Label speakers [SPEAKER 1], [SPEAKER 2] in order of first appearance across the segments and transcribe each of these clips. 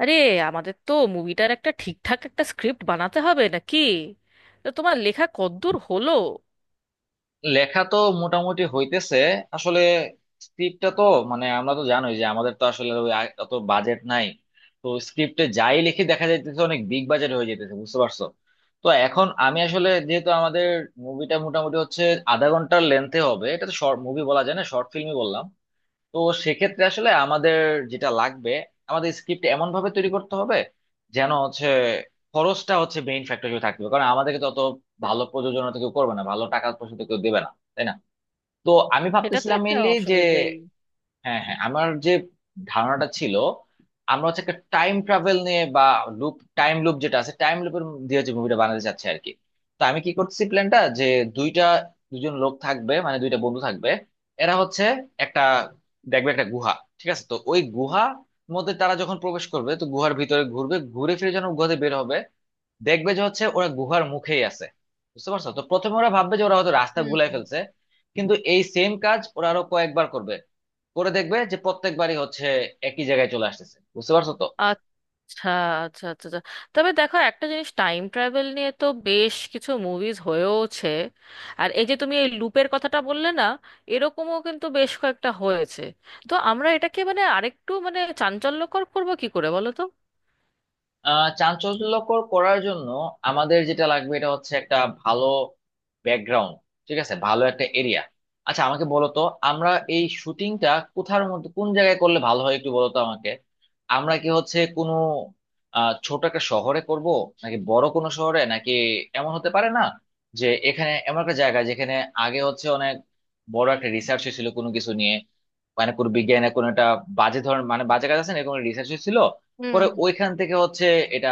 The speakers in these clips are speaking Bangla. [SPEAKER 1] আরে, আমাদের তো মুভিটার একটা ঠিকঠাক একটা স্ক্রিপ্ট বানাতে হবে নাকি? তো তোমার লেখা কতদূর হলো?
[SPEAKER 2] লেখা তো মোটামুটি হইতেছে। আসলে স্ক্রিপ্টটা তো মানে আমরা তো জানোই যে আমাদের তো আসলে ওই অত বাজেট নাই। তো স্ক্রিপ্টে যাই লিখি দেখা যাইতেছে অনেক বিগ বাজেট হয়ে যেতেছে, বুঝতে পারছো? তো এখন আমি আসলে যেহেতু আমাদের মুভিটা মোটামুটি হচ্ছে আধা ঘন্টার লেন্থে হবে, এটা তো শর্ট মুভি বলা যায় না, শর্ট ফিল্মই বললাম। তো সেক্ষেত্রে আসলে আমাদের যেটা লাগবে, আমাদের স্ক্রিপ্ট এমন ভাবে তৈরি করতে হবে যেন হচ্ছে খরচটা হচ্ছে মেইন ফ্যাক্টর হিসেবে থাকবে, কারণ আমাদেরকে তত ভালো প্রযোজনা তো কেউ করবে না, ভালো টাকা পয়সা তো কেউ দেবে না, তাই না? তো আমি
[SPEAKER 1] সেটা তো
[SPEAKER 2] ভাবতেছিলাম
[SPEAKER 1] একটা
[SPEAKER 2] মেইনলি যে,
[SPEAKER 1] অসুবিধেই।
[SPEAKER 2] হ্যাঁ হ্যাঁ, আমার যে ধারণাটা ছিল আমরা হচ্ছে একটা টাইম ট্রাভেল নিয়ে বা লুপ, টাইম লুপ যেটা আছে টাইম লুপের দিয়ে হচ্ছে মুভিটা বানাতে চাচ্ছে আর কি। তো আমি কি করতেছি প্ল্যানটা যে দুইটা, দুজন লোক থাকবে, মানে দুইটা বন্ধু থাকবে। এরা হচ্ছে একটা, দেখবে একটা গুহা, ঠিক আছে। তো ওই গুহা মধ্যে তারা যখন প্রবেশ করবে তো গুহার ভিতরে ঘুরবে, ঘুরে ফিরে যখন গুহাতে বের হবে দেখবে যে হচ্ছে ওরা গুহার মুখেই আছে। বুঝতে পারছো? তো প্রথমে ওরা ভাববে যে ওরা হয়তো রাস্তা
[SPEAKER 1] হুম।
[SPEAKER 2] ভুলাই ফেলছে, কিন্তু এই সেম কাজ ওরা আরো কয়েকবার করবে, করে দেখবে যে প্রত্যেকবারই হচ্ছে একই জায়গায় চলে আসতেছে, বুঝতে পারছো তো।
[SPEAKER 1] আচ্ছা আচ্ছা আচ্ছা আচ্ছা। তবে দেখো, একটা জিনিস, টাইম ট্রাভেল নিয়ে তো বেশ কিছু মুভিজ হয়েওছে। আর এই যে তুমি এই লুপের কথাটা বললে না, এরকমও কিন্তু বেশ কয়েকটা হয়েছে। তো আমরা এটাকে মানে আরেকটু মানে চাঞ্চল্যকর করবো কি করে বলো তো।
[SPEAKER 2] চাঞ্চল্যকর করার জন্য আমাদের যেটা লাগবে এটা হচ্ছে একটা ভালো ব্যাকগ্রাউন্ড, ঠিক আছে, ভালো একটা এরিয়া। আচ্ছা আমাকে বলো তো, আমরা এই শুটিংটা কোথার মধ্যে, কোন জায়গায় করলে ভালো হয় একটু বলো তো আমাকে। আমরা কি হচ্ছে কোনো ছোট একটা শহরে করব নাকি বড় কোনো শহরে, নাকি এমন হতে পারে না যে এখানে এমন একটা জায়গা যেখানে আগে হচ্ছে অনেক বড় একটা রিসার্চ হয়েছিল কোনো কিছু নিয়ে, মানে কোনো বিজ্ঞানের কোনো একটা বাজে ধরনের, মানে বাজে কাজ আছে না, এরকম রিসার্চ হয়েছিল।
[SPEAKER 1] হুম
[SPEAKER 2] পরে
[SPEAKER 1] হুম।
[SPEAKER 2] ওইখান থেকে হচ্ছে এটা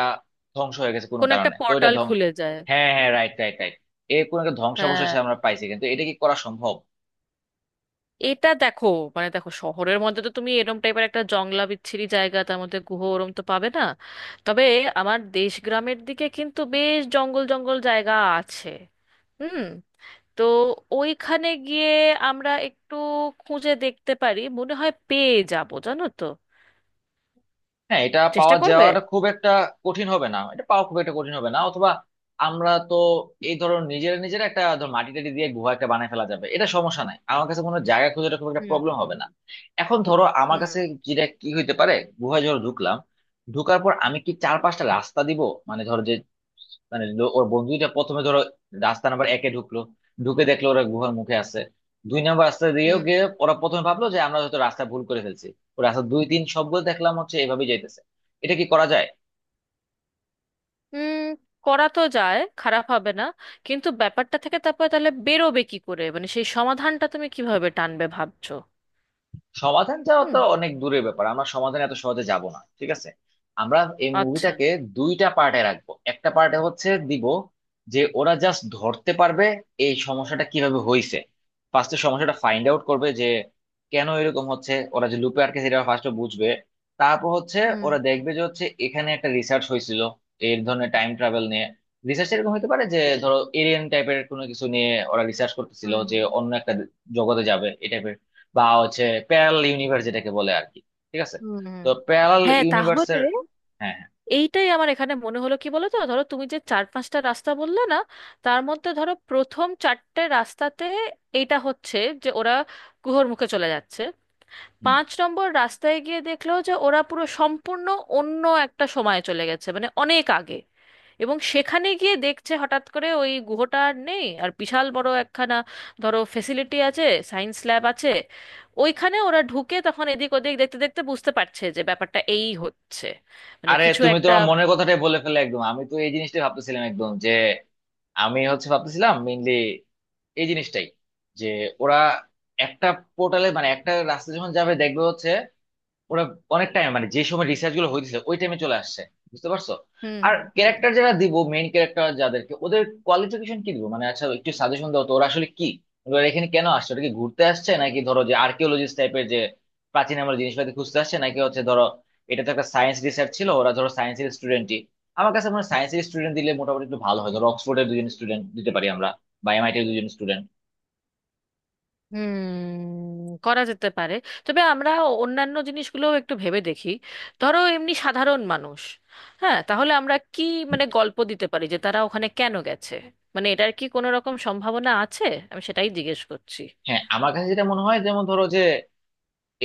[SPEAKER 2] ধ্বংস হয়ে গেছে কোনো
[SPEAKER 1] কোন একটা
[SPEAKER 2] কারণে, তো এটা
[SPEAKER 1] পোর্টাল
[SPEAKER 2] ধ্বংস।
[SPEAKER 1] খুলে যায়।
[SPEAKER 2] হ্যাঁ হ্যাঁ, রাইট রাইট রাইট। এর কোনো একটা ধ্বংসাবশেষ
[SPEAKER 1] হ্যাঁ,
[SPEAKER 2] আমরা পাইছি কিন্তু এটা কি করা সম্ভব?
[SPEAKER 1] এটা দেখো, মানে দেখো, শহরের মধ্যে তো তুমি এরম টাইপের একটা জংলা বিচ্ছিরি জায়গা, তার মধ্যে গুহ ওরম তো পাবে না। তবে আমার দেশ গ্রামের দিকে কিন্তু বেশ জঙ্গল জঙ্গল জায়গা আছে। হুম। তো ওইখানে গিয়ে আমরা একটু খুঁজে দেখতে পারি, মনে হয় পেয়ে যাব, জানো তো।
[SPEAKER 2] হ্যাঁ, এটা
[SPEAKER 1] চেষ্টা
[SPEAKER 2] পাওয়া
[SPEAKER 1] করবে।
[SPEAKER 2] যাওয়াটা খুব একটা কঠিন হবে না, এটা পাওয়া খুব একটা কঠিন হবে না। অথবা আমরা তো এই ধরো নিজেরা নিজেরা একটা, ধর মাটি টাটি দিয়ে গুহা একটা বানায় ফেলা যাবে, এটা সমস্যা নাই আমার কাছে, কোনো জায়গা খোঁজাটা খুব একটা
[SPEAKER 1] হুম।
[SPEAKER 2] প্রবলেম হবে না। এখন ধরো আমার
[SPEAKER 1] হুম।
[SPEAKER 2] কাছে যেটা কি হইতে পারে, গুহায় ধরো ঢুকলাম, ঢুকার পর আমি কি চার পাঁচটা রাস্তা দিব, মানে ধরো যে, মানে ওর বন্ধুটা প্রথমে ধরো রাস্তা নাম্বার একে ঢুকলো, ঢুকে দেখলো ওরা গুহার মুখে আছে। দুই নাম্বার রাস্তা দিয়েও
[SPEAKER 1] হুম
[SPEAKER 2] গিয়ে ওরা প্রথমে ভাবলো যে আমরা হয়তো রাস্তা ভুল করে ফেলছি। ও রাস্তা দুই তিন সবগুলো দেখলাম হচ্ছে এভাবে যাইতেছে, এটা কি করা যায়?
[SPEAKER 1] হুম। করা তো যায়, খারাপ হবে না। কিন্তু ব্যাপারটা থেকে তারপরে তাহলে বেরোবে কি করে, মানে সেই সমাধানটা তুমি কিভাবে টানবে ভাবছো?
[SPEAKER 2] সমাধান যাওয়া
[SPEAKER 1] হুম।
[SPEAKER 2] তো অনেক দূরের ব্যাপার, আমরা সমাধানে এত সহজে যাব না, ঠিক আছে? আমরা এই
[SPEAKER 1] আচ্ছা।
[SPEAKER 2] মুভিটাকে দুইটা পার্টে রাখবো, একটা পার্টে হচ্ছে দিব যে ওরা জাস্ট ধরতে পারবে এই সমস্যাটা কিভাবে হয়েছে। ফার্স্টে সমস্যাটা ফাইন্ড আউট করবে যে কেন এরকম হচ্ছে, ওরা যে লুপে আটকে সেটা ফার্স্টে বুঝবে। তারপর হচ্ছে
[SPEAKER 1] হুম
[SPEAKER 2] ওরা দেখবে যে হচ্ছে এখানে একটা রিসার্চ হয়েছিল এই ধরনের টাইম ট্রাভেল নিয়ে। রিসার্চ এরকম হতে পারে যে ধরো এলিয়েন টাইপের কোনো কিছু নিয়ে ওরা রিসার্চ করতেছিল
[SPEAKER 1] হুম
[SPEAKER 2] যে অন্য একটা জগতে যাবে এই type এর, বা হচ্ছে প্যারাল ইউনিভার্স যেটাকে বলে আর কি, ঠিক আছে?
[SPEAKER 1] হুম হুম।
[SPEAKER 2] তো প্যারাল
[SPEAKER 1] হ্যাঁ, তাহলে
[SPEAKER 2] ইউনিভার্সের, হ্যাঁ হ্যাঁ।
[SPEAKER 1] এইটাই আমার এখানে মনে হলো, কি বলো তো, ধরো তুমি যে চার পাঁচটা রাস্তা বললে না, তার মধ্যে ধরো প্রথম চারটে রাস্তাতে এইটা হচ্ছে যে ওরা গুহর মুখে চলে যাচ্ছে।
[SPEAKER 2] হুম।
[SPEAKER 1] পাঁচ নম্বর রাস্তায় গিয়ে দেখলো যে ওরা পুরো সম্পূর্ণ অন্য একটা সময়ে চলে গেছে, মানে অনেক আগে। এবং সেখানে গিয়ে দেখছে হঠাৎ করে ওই গুহটা আর নেই, আর বিশাল বড় একখানা ধরো ফেসিলিটি আছে, সায়েন্স ল্যাব আছে। ওইখানে ওরা ঢুকে তখন এদিক ওদিক দেখতে দেখতে বুঝতে পারছে যে ব্যাপারটা এই হচ্ছে, মানে
[SPEAKER 2] আরে
[SPEAKER 1] কিছু
[SPEAKER 2] তুমি
[SPEAKER 1] একটা।
[SPEAKER 2] তোমার মনের কথাটাই বলে ফেলে একদম, আমি তো এই জিনিসটাই ভাবতেছিলাম একদম। যে আমি হচ্ছে ভাবতেছিলাম মেইনলি এই জিনিসটাই, যে ওরা একটা পোর্টালে, মানে একটা রাস্তা যখন যাবে দেখবে হচ্ছে ওরা অনেক টাইম মানে যে সময় রিসার্চ গুলো হয়েছে ওই টাইমে চলে আসছে, বুঝতে পারছো?
[SPEAKER 1] হুম
[SPEAKER 2] আর
[SPEAKER 1] হুম হুম।
[SPEAKER 2] ক্যারেক্টার যারা দিব, মেইন ক্যারেক্টার যাদেরকে, ওদের কোয়ালিফিকেশন কি দিব, মানে আচ্ছা একটু সাজেশন দাও তো ওরা আসলে কি, ওরা এখানে কেন আসছে, ওটা কি ঘুরতে আসছে, নাকি ধরো যে আর্কিওলজিস্ট টাইপের যে প্রাচীন আমার জিনিসপাতি খুঁজতে আসছে, নাকি হচ্ছে ধরো এটা তো একটা সায়েন্স রিসার্চ ছিল ওরা ধরো সায়েন্সের স্টুডেন্টই। আমার কাছে মনে হয় সায়েন্সের স্টুডেন্ট দিলে মোটামুটি একটু ভালো হয়, ধরো অক্সফোর্ডের দুজন স্টুডেন্ট দিতে পারি আমরা, বা এমআইটির দুজন স্টুডেন্ট।
[SPEAKER 1] হুম, করা যেতে পারে। তবে আমরা অন্যান্য জিনিসগুলো একটু ভেবে দেখি। ধরো এমনি সাধারণ মানুষ। হ্যাঁ, তাহলে আমরা কি মানে গল্প দিতে পারি যে তারা ওখানে কেন গেছে? মানে এটার কি কোনো রকম সম্ভাবনা আছে? আমি সেটাই জিজ্ঞেস করছি।
[SPEAKER 2] হ্যাঁ, আমার কাছে যেটা মনে হয় যেমন ধরো যে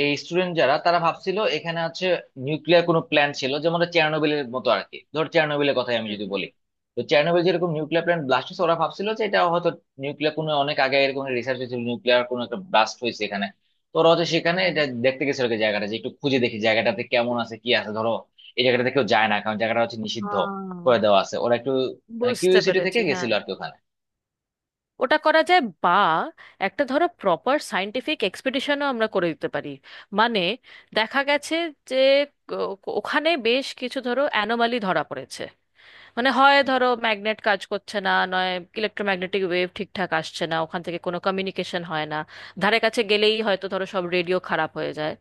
[SPEAKER 2] এই স্টুডেন্ট যারা তারা ভাবছিল এখানে হচ্ছে নিউক্লিয়ার কোনো প্ল্যান্ট ছিল যেমন চেরনোবিলের মতো আর কি, ধর চেরনোবিলের কথাই আমি
[SPEAKER 1] হুম
[SPEAKER 2] যদি বলি, তো চেরনোবিল যেরকম নিউক্লিয়ার প্ল্যান্ট ব্লাস্ট হয়েছে ওরা ভাবছিল যে এটা হয়তো নিউক্লিয়ার কোনো, অনেক আগে এরকম রিসার্চ হয়েছিল, নিউক্লিয়ার কোনো একটা ব্লাস্ট হয়েছে এখানে। তো ওরা হচ্ছে সেখানে
[SPEAKER 1] হুম।
[SPEAKER 2] এটা দেখতে গেছিল আর কি, জায়গাটা যে একটু খুঁজে দেখি জায়গাটাতে কেমন আছে কি আছে ধরো। এই জায়গাটাতে কেউ যায় না কারণ জায়গাটা হচ্ছে নিষিদ্ধ করে
[SPEAKER 1] আহ,
[SPEAKER 2] দেওয়া আছে, ওরা একটু মানে
[SPEAKER 1] বুঝতে
[SPEAKER 2] কিউরিওসিটি থেকে
[SPEAKER 1] পেরেছি, হ্যাঁ।
[SPEAKER 2] গেছিল আর কি ওখানে।
[SPEAKER 1] ওটা করা যায়, বা একটা ধরো প্রপার সায়েন্টিফিক এক্সপিডিশনও আমরা করে দিতে পারি। মানে দেখা গেছে যে ওখানে বেশ কিছু ধরো অ্যানোমালি ধরা পড়েছে। মানে হয় ধরো ম্যাগনেট কাজ করছে না, নয় ইলেকট্রোম্যাগনেটিক ওয়েভ ঠিকঠাক আসছে না, ওখান থেকে কোনো কমিউনিকেশন হয় না, ধারে কাছে গেলেই হয়তো ধরো সব রেডিও খারাপ হয়ে যায়।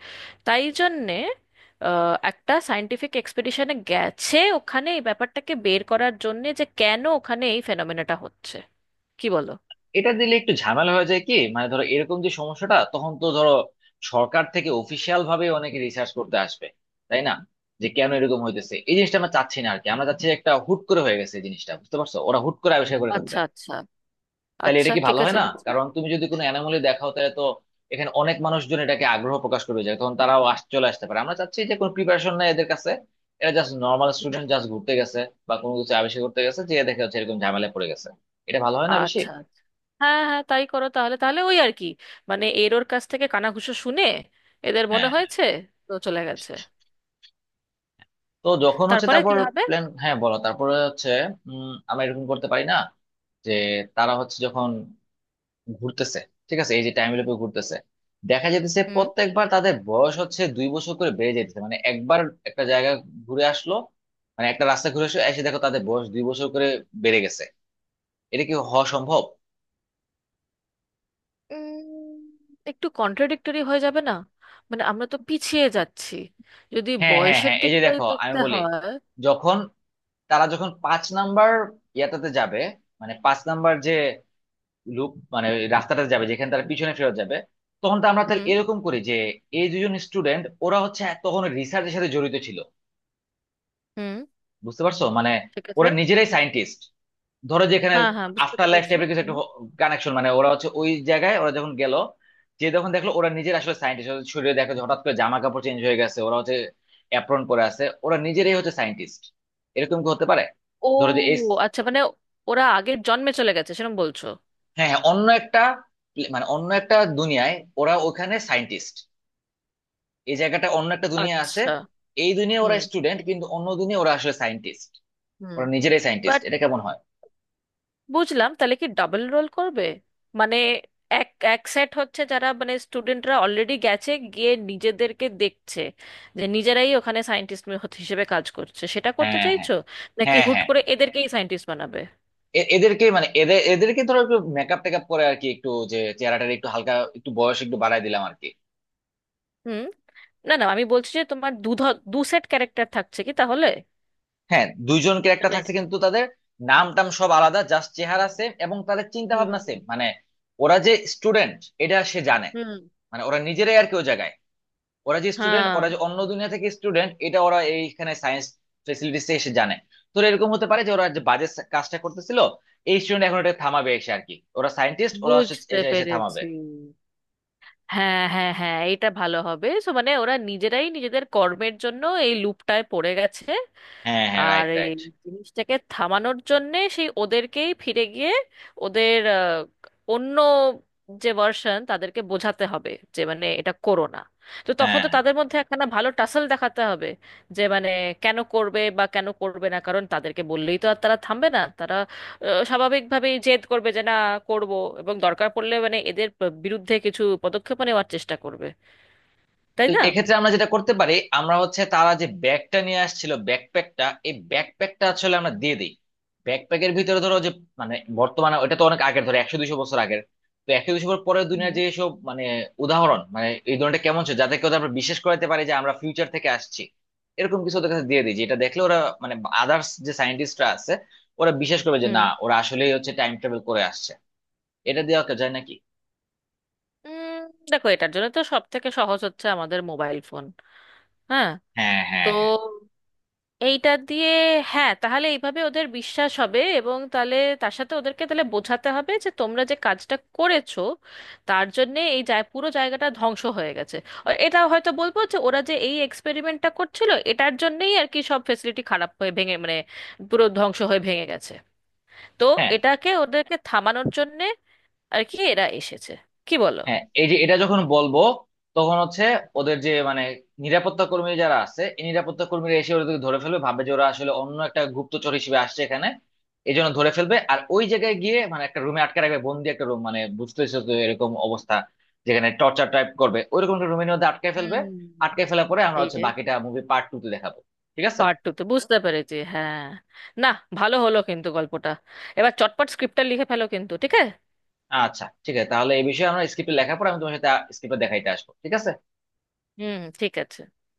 [SPEAKER 1] তাই জন্যে একটা সায়েন্টিফিক এক্সপেডিশনে গেছে ওখানে এই ব্যাপারটাকে বের করার জন্যে যে কেন ওখানে এই ফেনোমেনাটা হচ্ছে। কি বলো?
[SPEAKER 2] এটা দিলে একটু ঝামেলা হয়ে যায় কি, মানে ধরো এরকম যে সমস্যাটা তখন তো ধরো সরকার থেকে অফিসিয়াল ভাবে অনেকে রিসার্চ করতে আসবে, তাই না, যে কেন এরকম হইতেছে। এই জিনিসটা আমরা চাচ্ছি না আর কি, আমরা চাচ্ছি একটা হুট করে হয়ে গেছে এই জিনিসটা, বুঝতে পারছো, ওরা হুট করে আবিষ্কার করে ফেলছে।
[SPEAKER 1] আচ্ছা আচ্ছা।
[SPEAKER 2] তাহলে
[SPEAKER 1] আচ্ছা
[SPEAKER 2] এটা কি
[SPEAKER 1] ঠিক
[SPEAKER 2] ভালো হয়
[SPEAKER 1] আছে,
[SPEAKER 2] না,
[SPEAKER 1] বুঝলাম।
[SPEAKER 2] কারণ তুমি যদি কোনো অ্যানোমালি দেখাও তাহলে তো এখানে অনেক মানুষজন এটাকে আগ্রহ প্রকাশ করবে যায়, তখন তারাও চলে আসতে পারে। আমরা চাচ্ছি যে কোনো প্রিপারেশন নাই এদের কাছে, এরা জাস্ট নর্মাল স্টুডেন্ট, জাস্ট ঘুরতে গেছে বা কোনো কিছু আবিষ্কার করতে গেছে যে দেখে হচ্ছে এরকম ঝামেলায় পড়ে গেছে। এটা ভালো হয় না বেশি?
[SPEAKER 1] আচ্ছা আচ্ছা। হ্যাঁ হ্যাঁ, তাই করো তাহলে, তাহলে ওই আর কি, মানে এর ওর কাছ থেকে কানাঘুষো শুনে এদের মনে
[SPEAKER 2] হ্যাঁ।
[SPEAKER 1] হয়েছে, তো চলে গেছে।
[SPEAKER 2] তো যখন হচ্ছে
[SPEAKER 1] তারপরে কি
[SPEAKER 2] তারপর
[SPEAKER 1] হবে?
[SPEAKER 2] প্ল্যান, হ্যাঁ বলো, তারপরে হচ্ছে আমরা এরকম করতে পারি না যে তারা হচ্ছে যখন ঘুরতেছে, ঠিক আছে, এই যে টাইম লুপে ঘুরতেছে, দেখা যেতেছে
[SPEAKER 1] হুম।
[SPEAKER 2] প্রত্যেকবার তাদের বয়স হচ্ছে 2 বছর করে বেড়ে যেতেছে, মানে একবার একটা জায়গা ঘুরে আসলো, মানে একটা রাস্তা ঘুরে আসলো, এসে দেখো তাদের বয়স 2 বছর করে বেড়ে গেছে। এটা কি হওয়া সম্ভব?
[SPEAKER 1] উম, একটু কন্ট্রাডিক্টরি হয়ে যাবে না? মানে আমরা তো পিছিয়ে যাচ্ছি, যদি
[SPEAKER 2] হ্যাঁ হ্যাঁ
[SPEAKER 1] বয়সের
[SPEAKER 2] হ্যাঁ, এই যে
[SPEAKER 1] দিকটাই
[SPEAKER 2] দেখো আমি
[SPEAKER 1] দেখতে
[SPEAKER 2] বলি,
[SPEAKER 1] হয়।
[SPEAKER 2] যখন তারা যখন পাঁচ নাম্বার ইয়াটাতে যাবে, মানে পাঁচ নাম্বার যে লুপ, মানে ওই রাস্তাটা যাবে যেখানে তারা পিছনে ফেরত যাবে, তখন তো আমরা তাহলে
[SPEAKER 1] হুম।
[SPEAKER 2] এরকম করি যে এই দুজন স্টুডেন্ট ওরা হচ্ছে তখন রিসার্চের সাথে জড়িত ছিল,
[SPEAKER 1] হুম,
[SPEAKER 2] বুঝতে পারছো মানে
[SPEAKER 1] ঠিক আছে।
[SPEAKER 2] ওরা নিজেরাই সায়েন্টিস্ট। ধরো যেখানে
[SPEAKER 1] হ্যাঁ হ্যাঁ বুঝতে
[SPEAKER 2] আফটার লাইফ
[SPEAKER 1] পেরেছি।
[SPEAKER 2] টাইপের কিছু একটা
[SPEAKER 1] হুম।
[SPEAKER 2] কানেকশন, মানে ওরা হচ্ছে ওই জায়গায় ওরা যখন গেল, যে যখন দেখলো ওরা নিজের আসলে সায়েন্টিস্ট শরীরে, দেখো যে হঠাৎ করে জামা কাপড় চেঞ্জ হয়ে গেছে, ওরা হচ্ছে অ্যাপ্রন পরে আছে, ওরা নিজেরাই হচ্ছে সায়েন্টিস্ট। এরকম কি হতে পারে
[SPEAKER 1] ও,
[SPEAKER 2] ধরো যে এই,
[SPEAKER 1] আচ্ছা, মানে ওরা আগের জন্মে চলে গেছে সেরকম বলছো?
[SPEAKER 2] হ্যাঁ হ্যাঁ, অন্য একটা মানে অন্য একটা দুনিয়ায় ওরা ওখানে সায়েন্টিস্ট, এই জায়গাটা অন্য একটা দুনিয়া আছে।
[SPEAKER 1] আচ্ছা।
[SPEAKER 2] এই দুনিয়া ওরা
[SPEAKER 1] হুম
[SPEAKER 2] স্টুডেন্ট কিন্তু অন্য দুনিয়া ওরা আসলে সায়েন্টিস্ট।
[SPEAKER 1] হুম।
[SPEAKER 2] ওরা নিজেরাই সায়েন্টিস্ট,
[SPEAKER 1] বাট
[SPEAKER 2] এটা কেমন হয়?
[SPEAKER 1] বুঝলাম, তাহলে কি ডাবল রোল করবে? মানে এক এক সেট হচ্ছে, যারা মানে স্টুডেন্টরা অলরেডি গেছে গিয়ে নিজেদেরকে দেখছে যে নিজেরাই ওখানে সায়েন্টিস্ট হিসেবে কাজ করছে, সেটা করতে
[SPEAKER 2] হ্যাঁ হ্যাঁ।
[SPEAKER 1] চাইছো? নাকি
[SPEAKER 2] হ্যাঁ
[SPEAKER 1] হুট
[SPEAKER 2] হ্যাঁ,
[SPEAKER 1] করে এদেরকেই সায়েন্টিস্ট বানাবে?
[SPEAKER 2] এদেরকে মানে এদেরকে ধরো একটু মেকআপ টেকআপ করে আর কি, একটু যে চেহারাটা একটু হালকা একটু বয়স একটু বাড়ায় দিলাম আর কি।
[SPEAKER 1] হুম। না না, আমি বলছি যে তোমার দু সেট ক্যারেক্টার থাকছে কি তাহলে?
[SPEAKER 2] হ্যাঁ দুইজন ক্যারেক্টার
[SPEAKER 1] মানে।
[SPEAKER 2] থাকছে কিন্তু তাদের নাম টাম সব আলাদা, জাস্ট চেহারা সেম এবং তাদের চিন্তা
[SPEAKER 1] হুম
[SPEAKER 2] ভাবনা সেম, মানে ওরা যে স্টুডেন্ট এটা সে জানে,
[SPEAKER 1] হুম।
[SPEAKER 2] মানে ওরা নিজেরাই আর কি ওই জায়গায়। ওরা যে স্টুডেন্ট,
[SPEAKER 1] হ্যাঁ
[SPEAKER 2] ওরা যে অন্য দুনিয়া থেকে স্টুডেন্ট এটা ওরা এইখানে সায়েন্স ফেসিলিটিস এসে জানে। তো এরকম হতে পারে যে ওরা যে বাজে কাজটা করতেছিল এই স্টুডেন্ট এখন এটা থামাবে এসে আর কি, ওরা সায়েন্টিস্ট, ওরা
[SPEAKER 1] বুঝতে
[SPEAKER 2] এসে এসে থামাবে।
[SPEAKER 1] পেরেছি। হ্যাঁ হ্যাঁ হ্যাঁ, এটা ভালো হবে। সো মানে ওরা নিজেরাই নিজেদের কর্মের জন্য এই লুপটায় পড়ে গেছে।
[SPEAKER 2] হ্যাঁ হ্যাঁ,
[SPEAKER 1] আর
[SPEAKER 2] রাইট
[SPEAKER 1] এই
[SPEAKER 2] রাইট।
[SPEAKER 1] জিনিসটাকে থামানোর জন্যে সেই ওদেরকেই ফিরে গিয়ে ওদের অন্য যে ভার্সন, তাদেরকে বোঝাতে হবে যে মানে এটা করো না। তো তখন
[SPEAKER 2] হ্যাঁ,
[SPEAKER 1] তো তাদের মধ্যে একখানা ভালো টাসল দেখাতে হবে। যে মানে কেন করবে বা কেন করবে না, কারণ তাদেরকে বললেই তো আর তারা থামবে না, তারা স্বাভাবিকভাবেই জেদ করবে যে না, করব। এবং দরকার পড়লে মানে এদের বিরুদ্ধে কিছু পদক্ষেপ নেওয়ার চেষ্টা করবে। তাই
[SPEAKER 2] তো
[SPEAKER 1] না?
[SPEAKER 2] এক্ষেত্রে আমরা যেটা করতে পারি, আমরা হচ্ছে তারা যে ব্যাগটা নিয়ে আসছিল ব্যাকপ্যাকটা, এই ব্যাকপ্যাকটা আসলে আমরা দিয়ে দিই। ব্যাকপ্যাকের ভিতরে ধরো যে, মানে বর্তমানে ওটা তো অনেক আগের, ধরো 100-200 বছর আগের, তো 100-200 বছর পরের দুনিয়ার
[SPEAKER 1] হুম।
[SPEAKER 2] যে সব মানে উদাহরণ, মানে এই ধরনটা কেমন ছিল যাতে কেউ আমরা বিশ্বাস করাতে পারি যে আমরা ফিউচার থেকে আসছি। এরকম কিছু ওদের কাছে দিয়ে দিই যেটা দেখলে ওরা, মানে আদার্স যে সায়েন্টিস্টরা আছে ওরা বিশ্বাস করবে যে না
[SPEAKER 1] হুম।
[SPEAKER 2] ওরা আসলেই হচ্ছে টাইম ট্রাভেল করে আসছে। এটা দেওয়া যায় নাকি?
[SPEAKER 1] উম, দেখো, এটার জন্য তো সব থেকে সহজ হচ্ছে আমাদের মোবাইল ফোন। হ্যাঁ।
[SPEAKER 2] হ্যাঁ
[SPEAKER 1] তো
[SPEAKER 2] হ্যাঁ হ্যাঁ।
[SPEAKER 1] এইটা দিয়ে, হ্যাঁ তাহলে এইভাবে ওদের বিশ্বাস হবে। এবং তাহলে তার সাথে ওদেরকে তাহলে বোঝাতে হবে যে তোমরা যে কাজটা করেছো তার জন্য এই যায় পুরো জায়গাটা ধ্বংস হয়ে গেছে। আর এটা হয়তো বলবো যে ওরা যে এই এক্সপেরিমেন্টটা করছিল এটার জন্যই আর কি সব ফেসিলিটি খারাপ হয়ে ভেঙে মানে পুরো ধ্বংস হয়ে ভেঙে গেছে। তো
[SPEAKER 2] হ্যাঁ
[SPEAKER 1] এটাকে, ওদেরকে থামানোর জন্যে আর কি এরা এসেছে। কি বলো?
[SPEAKER 2] হ্যাঁ, এই যে এটা যখন বলবো তখন হচ্ছে ওদের যে মানে নিরাপত্তা কর্মী যারা আছে, এই নিরাপত্তা কর্মীরা এসে ওদেরকে ধরে ফেলবে, ভাববে যে ওরা আসলে অন্য একটা গুপ্তচর হিসেবে আসছে এখানে, এই জন্য ধরে ফেলবে। আর ওই জায়গায় গিয়ে মানে একটা রুমে আটকে রাখবে, বন্দি একটা রুম, মানে বুঝতেছো তো এরকম অবস্থা যেখানে টর্চার টাইপ করবে, ওইরকম একটা রুমের মধ্যে আটকে ফেলবে।
[SPEAKER 1] হুম।
[SPEAKER 2] আটকে ফেলার পরে আমরা হচ্ছে বাকিটা মুভি পার্ট টু তে দেখাবো, ঠিক আছে?
[SPEAKER 1] পার্ট টু তে বুঝতে পেরেছি, হ্যাঁ। না, ভালো হলো কিন্তু গল্পটা। এবার চটপট স্ক্রিপ্টটা লিখে ফেলো কিন্তু, ঠিক আছে?
[SPEAKER 2] আচ্ছা ঠিক আছে, তাহলে এই বিষয়ে আমরা স্ক্রিপ্টে লেখার পর আমি তোমার সাথে স্ক্রিপ্টে দেখাইতে আসবো, ঠিক আছে।
[SPEAKER 1] হুম, ঠিক আছে।